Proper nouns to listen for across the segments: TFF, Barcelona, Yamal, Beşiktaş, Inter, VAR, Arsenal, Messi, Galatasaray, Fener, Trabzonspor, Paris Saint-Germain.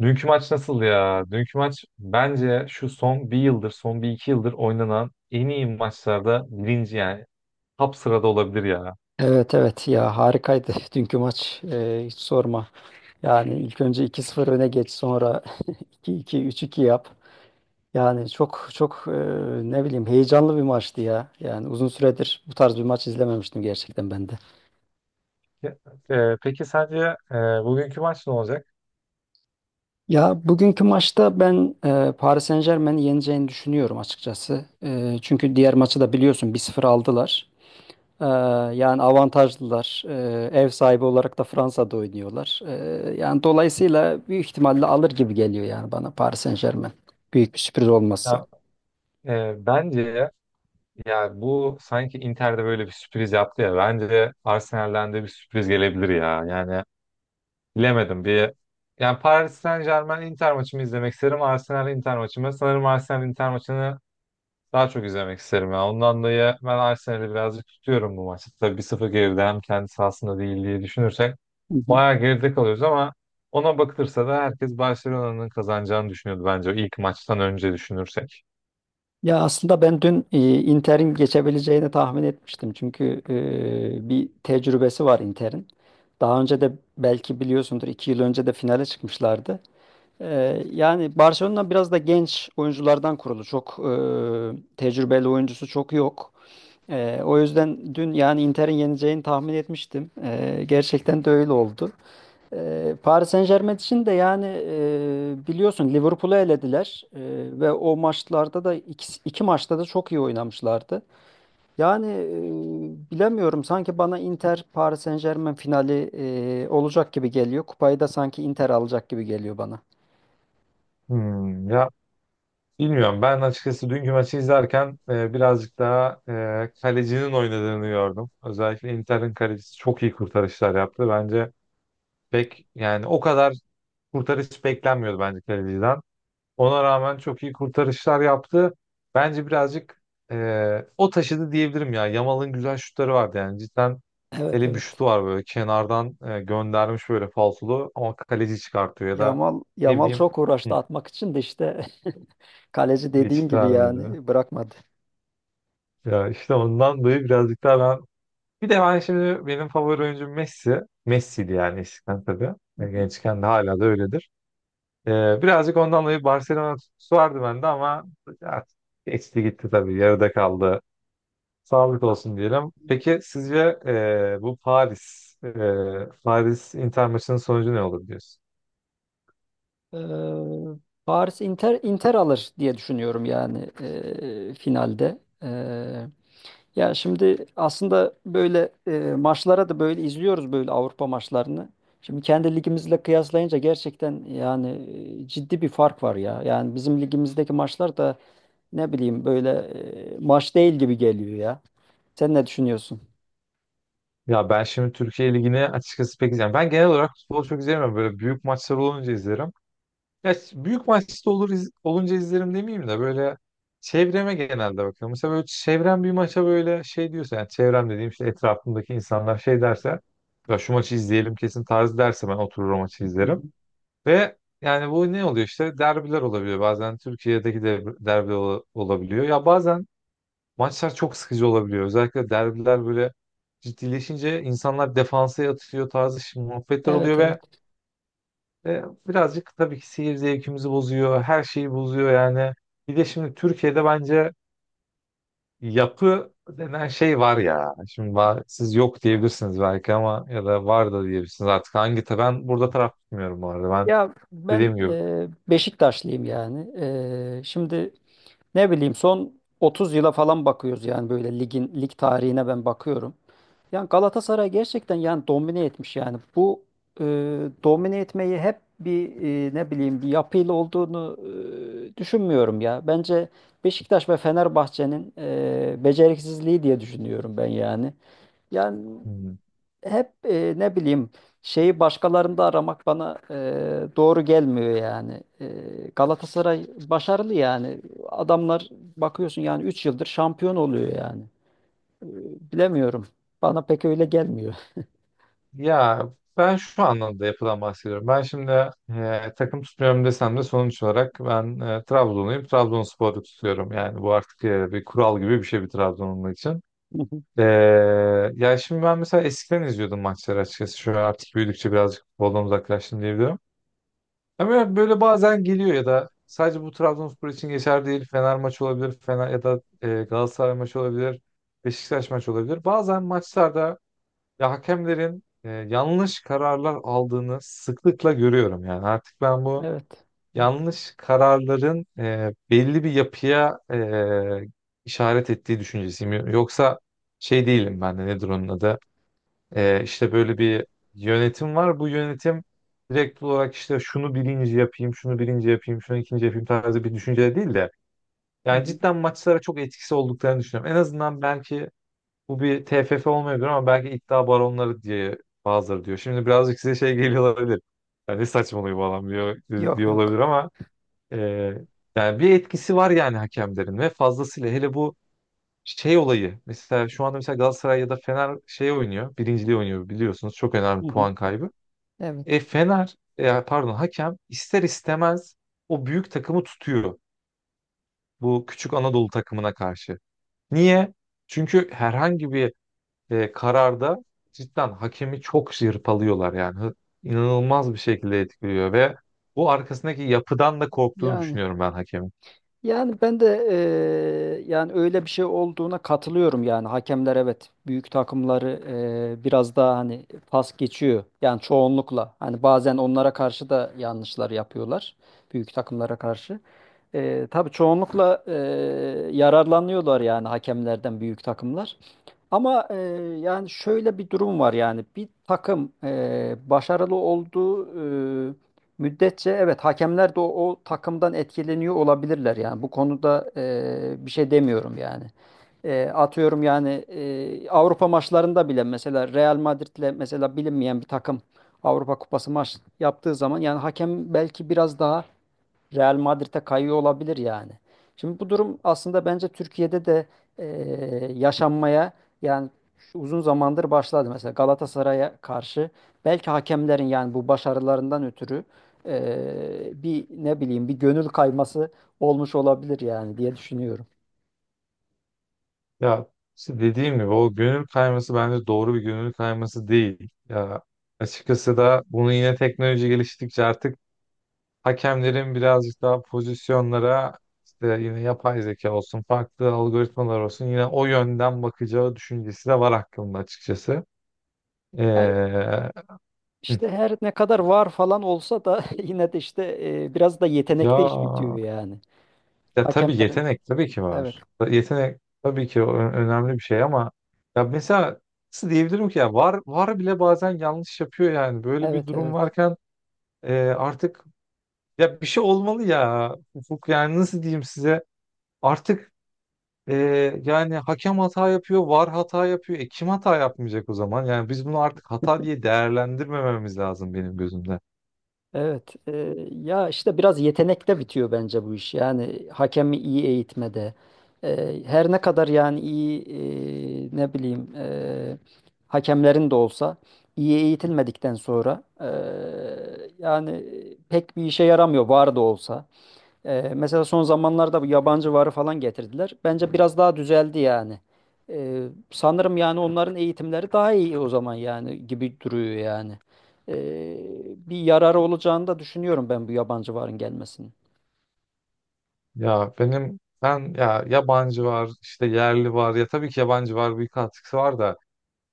Dünkü maç nasıl ya? Dünkü maç bence şu son bir yıldır, son bir iki yıldır oynanan en iyi maçlarda birinci yani top sırada olabilir ya. Evet, evet, ya, harikaydı dünkü maç. Hiç sorma. Yani ilk önce 2-0 öne geç, sonra 2-2, 3-2 yap. Yani çok çok ne bileyim, heyecanlı bir maçtı ya. Yani uzun süredir bu tarz bir maç izlememiştim gerçekten ben de. Peki sence e, bugünkü maç ne olacak? Ya, bugünkü maçta ben Paris Saint-Germain'i yeneceğini düşünüyorum açıkçası. Çünkü diğer maçı da biliyorsun, 1-0 aldılar. Ee, Yani avantajlılar. Ev sahibi olarak da Fransa'da oynuyorlar. Yani dolayısıyla büyük ihtimalle alır gibi geliyor yani bana, Paris Saint-Germain. Büyük bir sürpriz olması. Ya, Bence ya bu sanki Inter'de böyle bir sürpriz yaptı ya. Bence Arsenal'den de bir sürpriz gelebilir ya. Yani bilemedim. Yani Paris Saint-Germain Inter maçımı izlemek isterim. Arsenal Inter maçımı. Sanırım Arsenal Inter maçını daha çok izlemek isterim ya. Ondan dolayı ben Arsenal'i birazcık tutuyorum bu maçta. Tabii 1-0 geride, hem kendi sahasında değil diye düşünürsek Hı hı. bayağı geride kalıyoruz, ama ona bakılırsa da herkes Barcelona'nın kazanacağını düşünüyordu bence, o ilk maçtan önce düşünürsek. Ya, aslında ben dün Inter'in geçebileceğini tahmin etmiştim. Çünkü bir tecrübesi var Inter'in. Daha önce de belki biliyorsundur, 2 yıl önce de finale çıkmışlardı. Yani Barcelona biraz da genç oyunculardan kurulu. Çok tecrübeli oyuncusu çok yok. O yüzden dün yani Inter'in yeneceğini tahmin etmiştim. Gerçekten de öyle oldu. Paris Saint-Germain için de yani biliyorsun Liverpool'u elediler. Ve o maçlarda da 2 maçta da çok iyi oynamışlardı. Yani bilemiyorum, sanki bana Inter Paris Saint-Germain finali olacak gibi geliyor. Kupayı da sanki Inter alacak gibi geliyor bana. Hmm, ya bilmiyorum. Ben açıkçası dünkü maçı izlerken birazcık daha kalecinin oynadığını gördüm. Özellikle Inter'in kalecisi çok iyi kurtarışlar yaptı. Bence pek yani o kadar kurtarış beklenmiyordu bence kaleciden. Ona rağmen çok iyi kurtarışlar yaptı. Bence birazcık o taşıdı diyebilirim ya. Yamal'ın güzel şutları vardı yani. Cidden Evet, hele bir evet. şutu var, böyle kenardan göndermiş böyle falsolu ama kaleci çıkartıyor ya da Yamal ne Yamal bileyim çok hı, uğraştı atmak için de işte, kaleci dediğin geçit gibi vermedi. yani, bırakmadı. Ya işte ondan dolayı birazcık daha ben, bir de ben şimdi, benim favori oyuncum Messi. Messi'di yani eskiden tabii. E, Gençken de hala da öyledir. Birazcık ondan dolayı Barcelona tutkusu vardı bende ama ya, geçti gitti tabii, yarıda kaldı. Sağlık olsun diyelim. Peki sizce bu Paris, Paris Inter maçının sonucu ne olur diyorsun? Ee, Paris Inter, Inter alır diye düşünüyorum yani finalde. Ya şimdi aslında böyle maçlara da böyle izliyoruz, böyle Avrupa maçlarını. Şimdi kendi ligimizle kıyaslayınca gerçekten yani ciddi bir fark var ya. Yani bizim ligimizdeki maçlar da ne bileyim, böyle maç değil gibi geliyor ya. Sen ne düşünüyorsun? Ya ben şimdi Türkiye Ligi'ni açıkçası pek izleyemem. Ben genel olarak futbolu çok izleyemem. Böyle büyük maçlar olunca izlerim. Büyük maçta olur, olunca izlerim demeyeyim de, böyle çevreme genelde bakıyorum. Mesela böyle çevrem bir maça böyle şey diyorsa, yani çevrem dediğim işte etrafımdaki insanlar şey derse, ya şu maçı izleyelim kesin tarzı derse, ben oturur o maçı Hı hı. izlerim. Ve yani bu ne oluyor, işte derbiler olabiliyor bazen, Türkiye'deki de olabiliyor ya bazen. Maçlar çok sıkıcı olabiliyor, özellikle derbiler böyle ciddileşince insanlar defansa yatıyor tarzı şimdi muhabbetler Evet, oluyor evet. ve birazcık tabii ki seyir zevkimizi bozuyor, her şeyi bozuyor yani. Bir de şimdi Türkiye'de bence yapı denen şey var ya, şimdi var, siz yok diyebilirsiniz belki, ama ya da var da diyebilirsiniz artık, hangi ben burada taraf tutmuyorum bu arada, ben Ya, ben dediğim Beşiktaşlıyım yani. Şimdi ne bileyim, son 30 yıla falan bakıyoruz yani, böyle lig tarihine ben bakıyorum. Yani Galatasaray gerçekten yani domine etmiş yani. Bu e, domine etmeyi hep bir ne bileyim, bir yapıyla olduğunu düşünmüyorum ya. Bence Beşiktaş ve Fenerbahçe'nin beceriksizliği diye düşünüyorum ben yani. Yani gibi. hep ne bileyim, şeyi başkalarında aramak bana doğru gelmiyor yani. Galatasaray başarılı yani. Adamlar bakıyorsun yani, 3 yıldır şampiyon oluyor yani. Ee, Bilemiyorum. Bana pek öyle gelmiyor. Ya ben şu anlamda yapıdan bahsediyorum. Ben şimdi takım tutmuyorum desem de, sonuç olarak ben Trabzonluyum. Trabonspor'u tutuyorum. Yani bu artık bir kural gibi bir şey bir Trabzonlu için. E, Ya şimdi ben mesela eskiden izliyordum maçları açıkçası. Şu an artık büyüdükçe birazcık futboldan uzaklaştım diyebilirim. Ama böyle bazen geliyor, ya da sadece bu Trabzonspor için geçer değil. Fener maçı olabilir. Fener ya da Galatasaray maçı olabilir. Beşiktaş maçı olabilir. Bazen maçlarda ya hakemlerin yanlış kararlar aldığını sıklıkla görüyorum yani. Artık ben bu Evet. yanlış kararların belli bir yapıya işaret ettiği düşüncesiyim. Yoksa şey değilim, ben de, nedir onun adı? İşte böyle bir yönetim var. Bu yönetim direkt olarak işte şunu birinci yapayım, şunu birinci yapayım, şunu ikinci yapayım tarzı bir düşünce değil de, Hı yani hı. cidden maçlara çok etkisi olduklarını düşünüyorum. En azından belki bu bir TFF olmayabilir, ama belki iddia baronları diye bazıları diyor. Şimdi birazcık size şey geliyor olabilir. Yani ne saçmalıyor falan diyor, Yok, diyor olabilir, yok. ama e, yani bir etkisi var yani hakemlerin, ve fazlasıyla hele bu şey olayı. Mesela şu anda mesela Galatasaray ya da Fener şey oynuyor. Birinciliği oynuyor, biliyorsunuz. Çok Hı önemli hı. puan kaybı. Evet. Pardon, hakem ister istemez o büyük takımı tutuyor. Bu küçük Anadolu takımına karşı. Niye? Çünkü herhangi bir kararda cidden hakemi çok yırpalıyorlar yani. İnanılmaz bir şekilde etkiliyor, ve bu arkasındaki yapıdan da korktuğunu Yani düşünüyorum ben hakemin. Yani ben de yani öyle bir şey olduğuna katılıyorum yani. Hakemler evet, büyük takımları biraz daha hani pas geçiyor yani, çoğunlukla hani bazen onlara karşı da yanlışlar yapıyorlar büyük takımlara karşı. Tabii çoğunlukla yararlanıyorlar yani hakemlerden büyük takımlar. Ama yani şöyle bir durum var yani, bir takım başarılı olduğu müddetçe, evet, hakemler de o takımdan etkileniyor olabilirler yani, bu konuda bir şey demiyorum yani. Atıyorum yani, Avrupa maçlarında bile mesela Real Madrid'le mesela bilinmeyen bir takım Avrupa Kupası maç yaptığı zaman yani, hakem belki biraz daha Real Madrid'e kayıyor olabilir yani. Şimdi bu durum aslında bence Türkiye'de de e, yaşanmaya yani, şu uzun zamandır başladı. Mesela Galatasaray'a karşı belki hakemlerin yani bu başarılarından ötürü bir ne bileyim, bir gönül kayması olmuş olabilir yani diye düşünüyorum. Ya işte dediğim gibi, o gönül kayması bence doğru bir gönül kayması değil. Ya açıkçası da bunu yine, teknoloji geliştikçe artık hakemlerin birazcık daha pozisyonlara, işte yine yapay zeka olsun, farklı algoritmalar olsun, yine o yönden bakacağı düşüncesi de var aklımda açıkçası. Ee, Ya, hı. işte her ne kadar VAR falan olsa da yine de işte biraz da ya yetenekte iş bitiyor yani. Ya tabii, Hakemlerin. yetenek tabii ki Evet, var. Yetenek tabii ki önemli bir şey, ama ya mesela, nasıl diyebilirim ki, ya VAR, VAR bile bazen yanlış yapıyor yani. Böyle bir evet, durum evet. varken artık ya bir şey olmalı ya Ufuk, yani nasıl diyeyim size, artık e, yani hakem hata yapıyor, VAR hata yapıyor. E kim hata yapmayacak o zaman? Yani biz bunu artık hata diye değerlendirmememiz lazım benim gözümde. Evet, ya işte biraz yetenekte bitiyor bence bu iş. Yani hakemi iyi eğitmede, her ne kadar yani iyi ne bileyim hakemlerin de olsa iyi eğitilmedikten sonra yani pek bir işe yaramıyor VAR da olsa. Mesela son zamanlarda bu yabancı VAR'ı falan getirdiler. Bence biraz daha düzeldi yani. Sanırım yani onların eğitimleri daha iyi o zaman yani gibi duruyor yani. Ee, Bir yararı olacağını da düşünüyorum ben bu yabancı VAR'ın gelmesinin. Ya benim ben, ya yabancı VAR, işte yerli VAR. Ya tabii ki yabancı VAR, bir katkısı var da,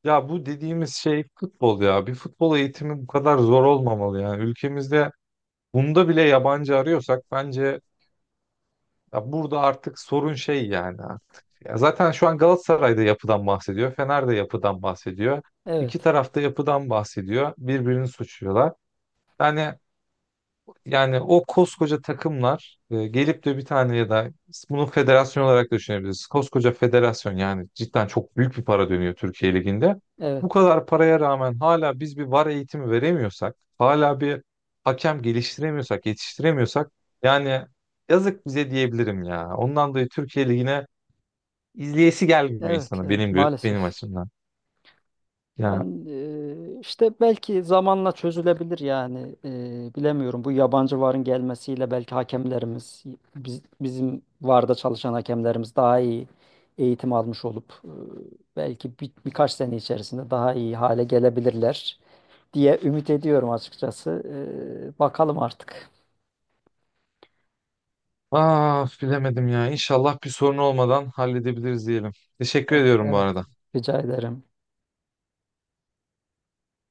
ya bu dediğimiz şey futbol ya. Bir futbol eğitimi bu kadar zor olmamalı yani. Ülkemizde bunda bile yabancı arıyorsak, bence ya burada artık sorun şey yani artık. Ya zaten şu an Galatasaray'da yapıdan bahsediyor. Fener'de yapıdan bahsediyor. İki Evet, tarafta yapıdan bahsediyor. Birbirini suçluyorlar. Yani yani o koskoca takımlar gelip de bir tane, ya da bunu federasyon olarak da düşünebiliriz. Koskoca federasyon, yani cidden çok büyük bir para dönüyor Türkiye Ligi'nde. evet, Bu kadar paraya rağmen hala biz bir VAR eğitimi veremiyorsak, hala bir hakem geliştiremiyorsak, yetiştiremiyorsak, yani yazık bize diyebilirim ya. Ondan dolayı Türkiye Ligi'ne izleyesi gelmiyor evet, insanın, evet, maalesef. benim açımdan. Ya Yani işte belki zamanla çözülebilir yani. Bilemiyorum, bu yabancı VAR'ın gelmesiyle belki hakemlerimiz, bizim VAR'da çalışan hakemlerimiz daha iyi eğitim almış olup belki birkaç sene içerisinde daha iyi hale gelebilirler diye ümit ediyorum açıkçası. Bakalım artık. ah bilemedim ya. İnşallah bir sorun olmadan halledebiliriz diyelim. Teşekkür Eh. ediyorum bu Evet, arada. rica ederim.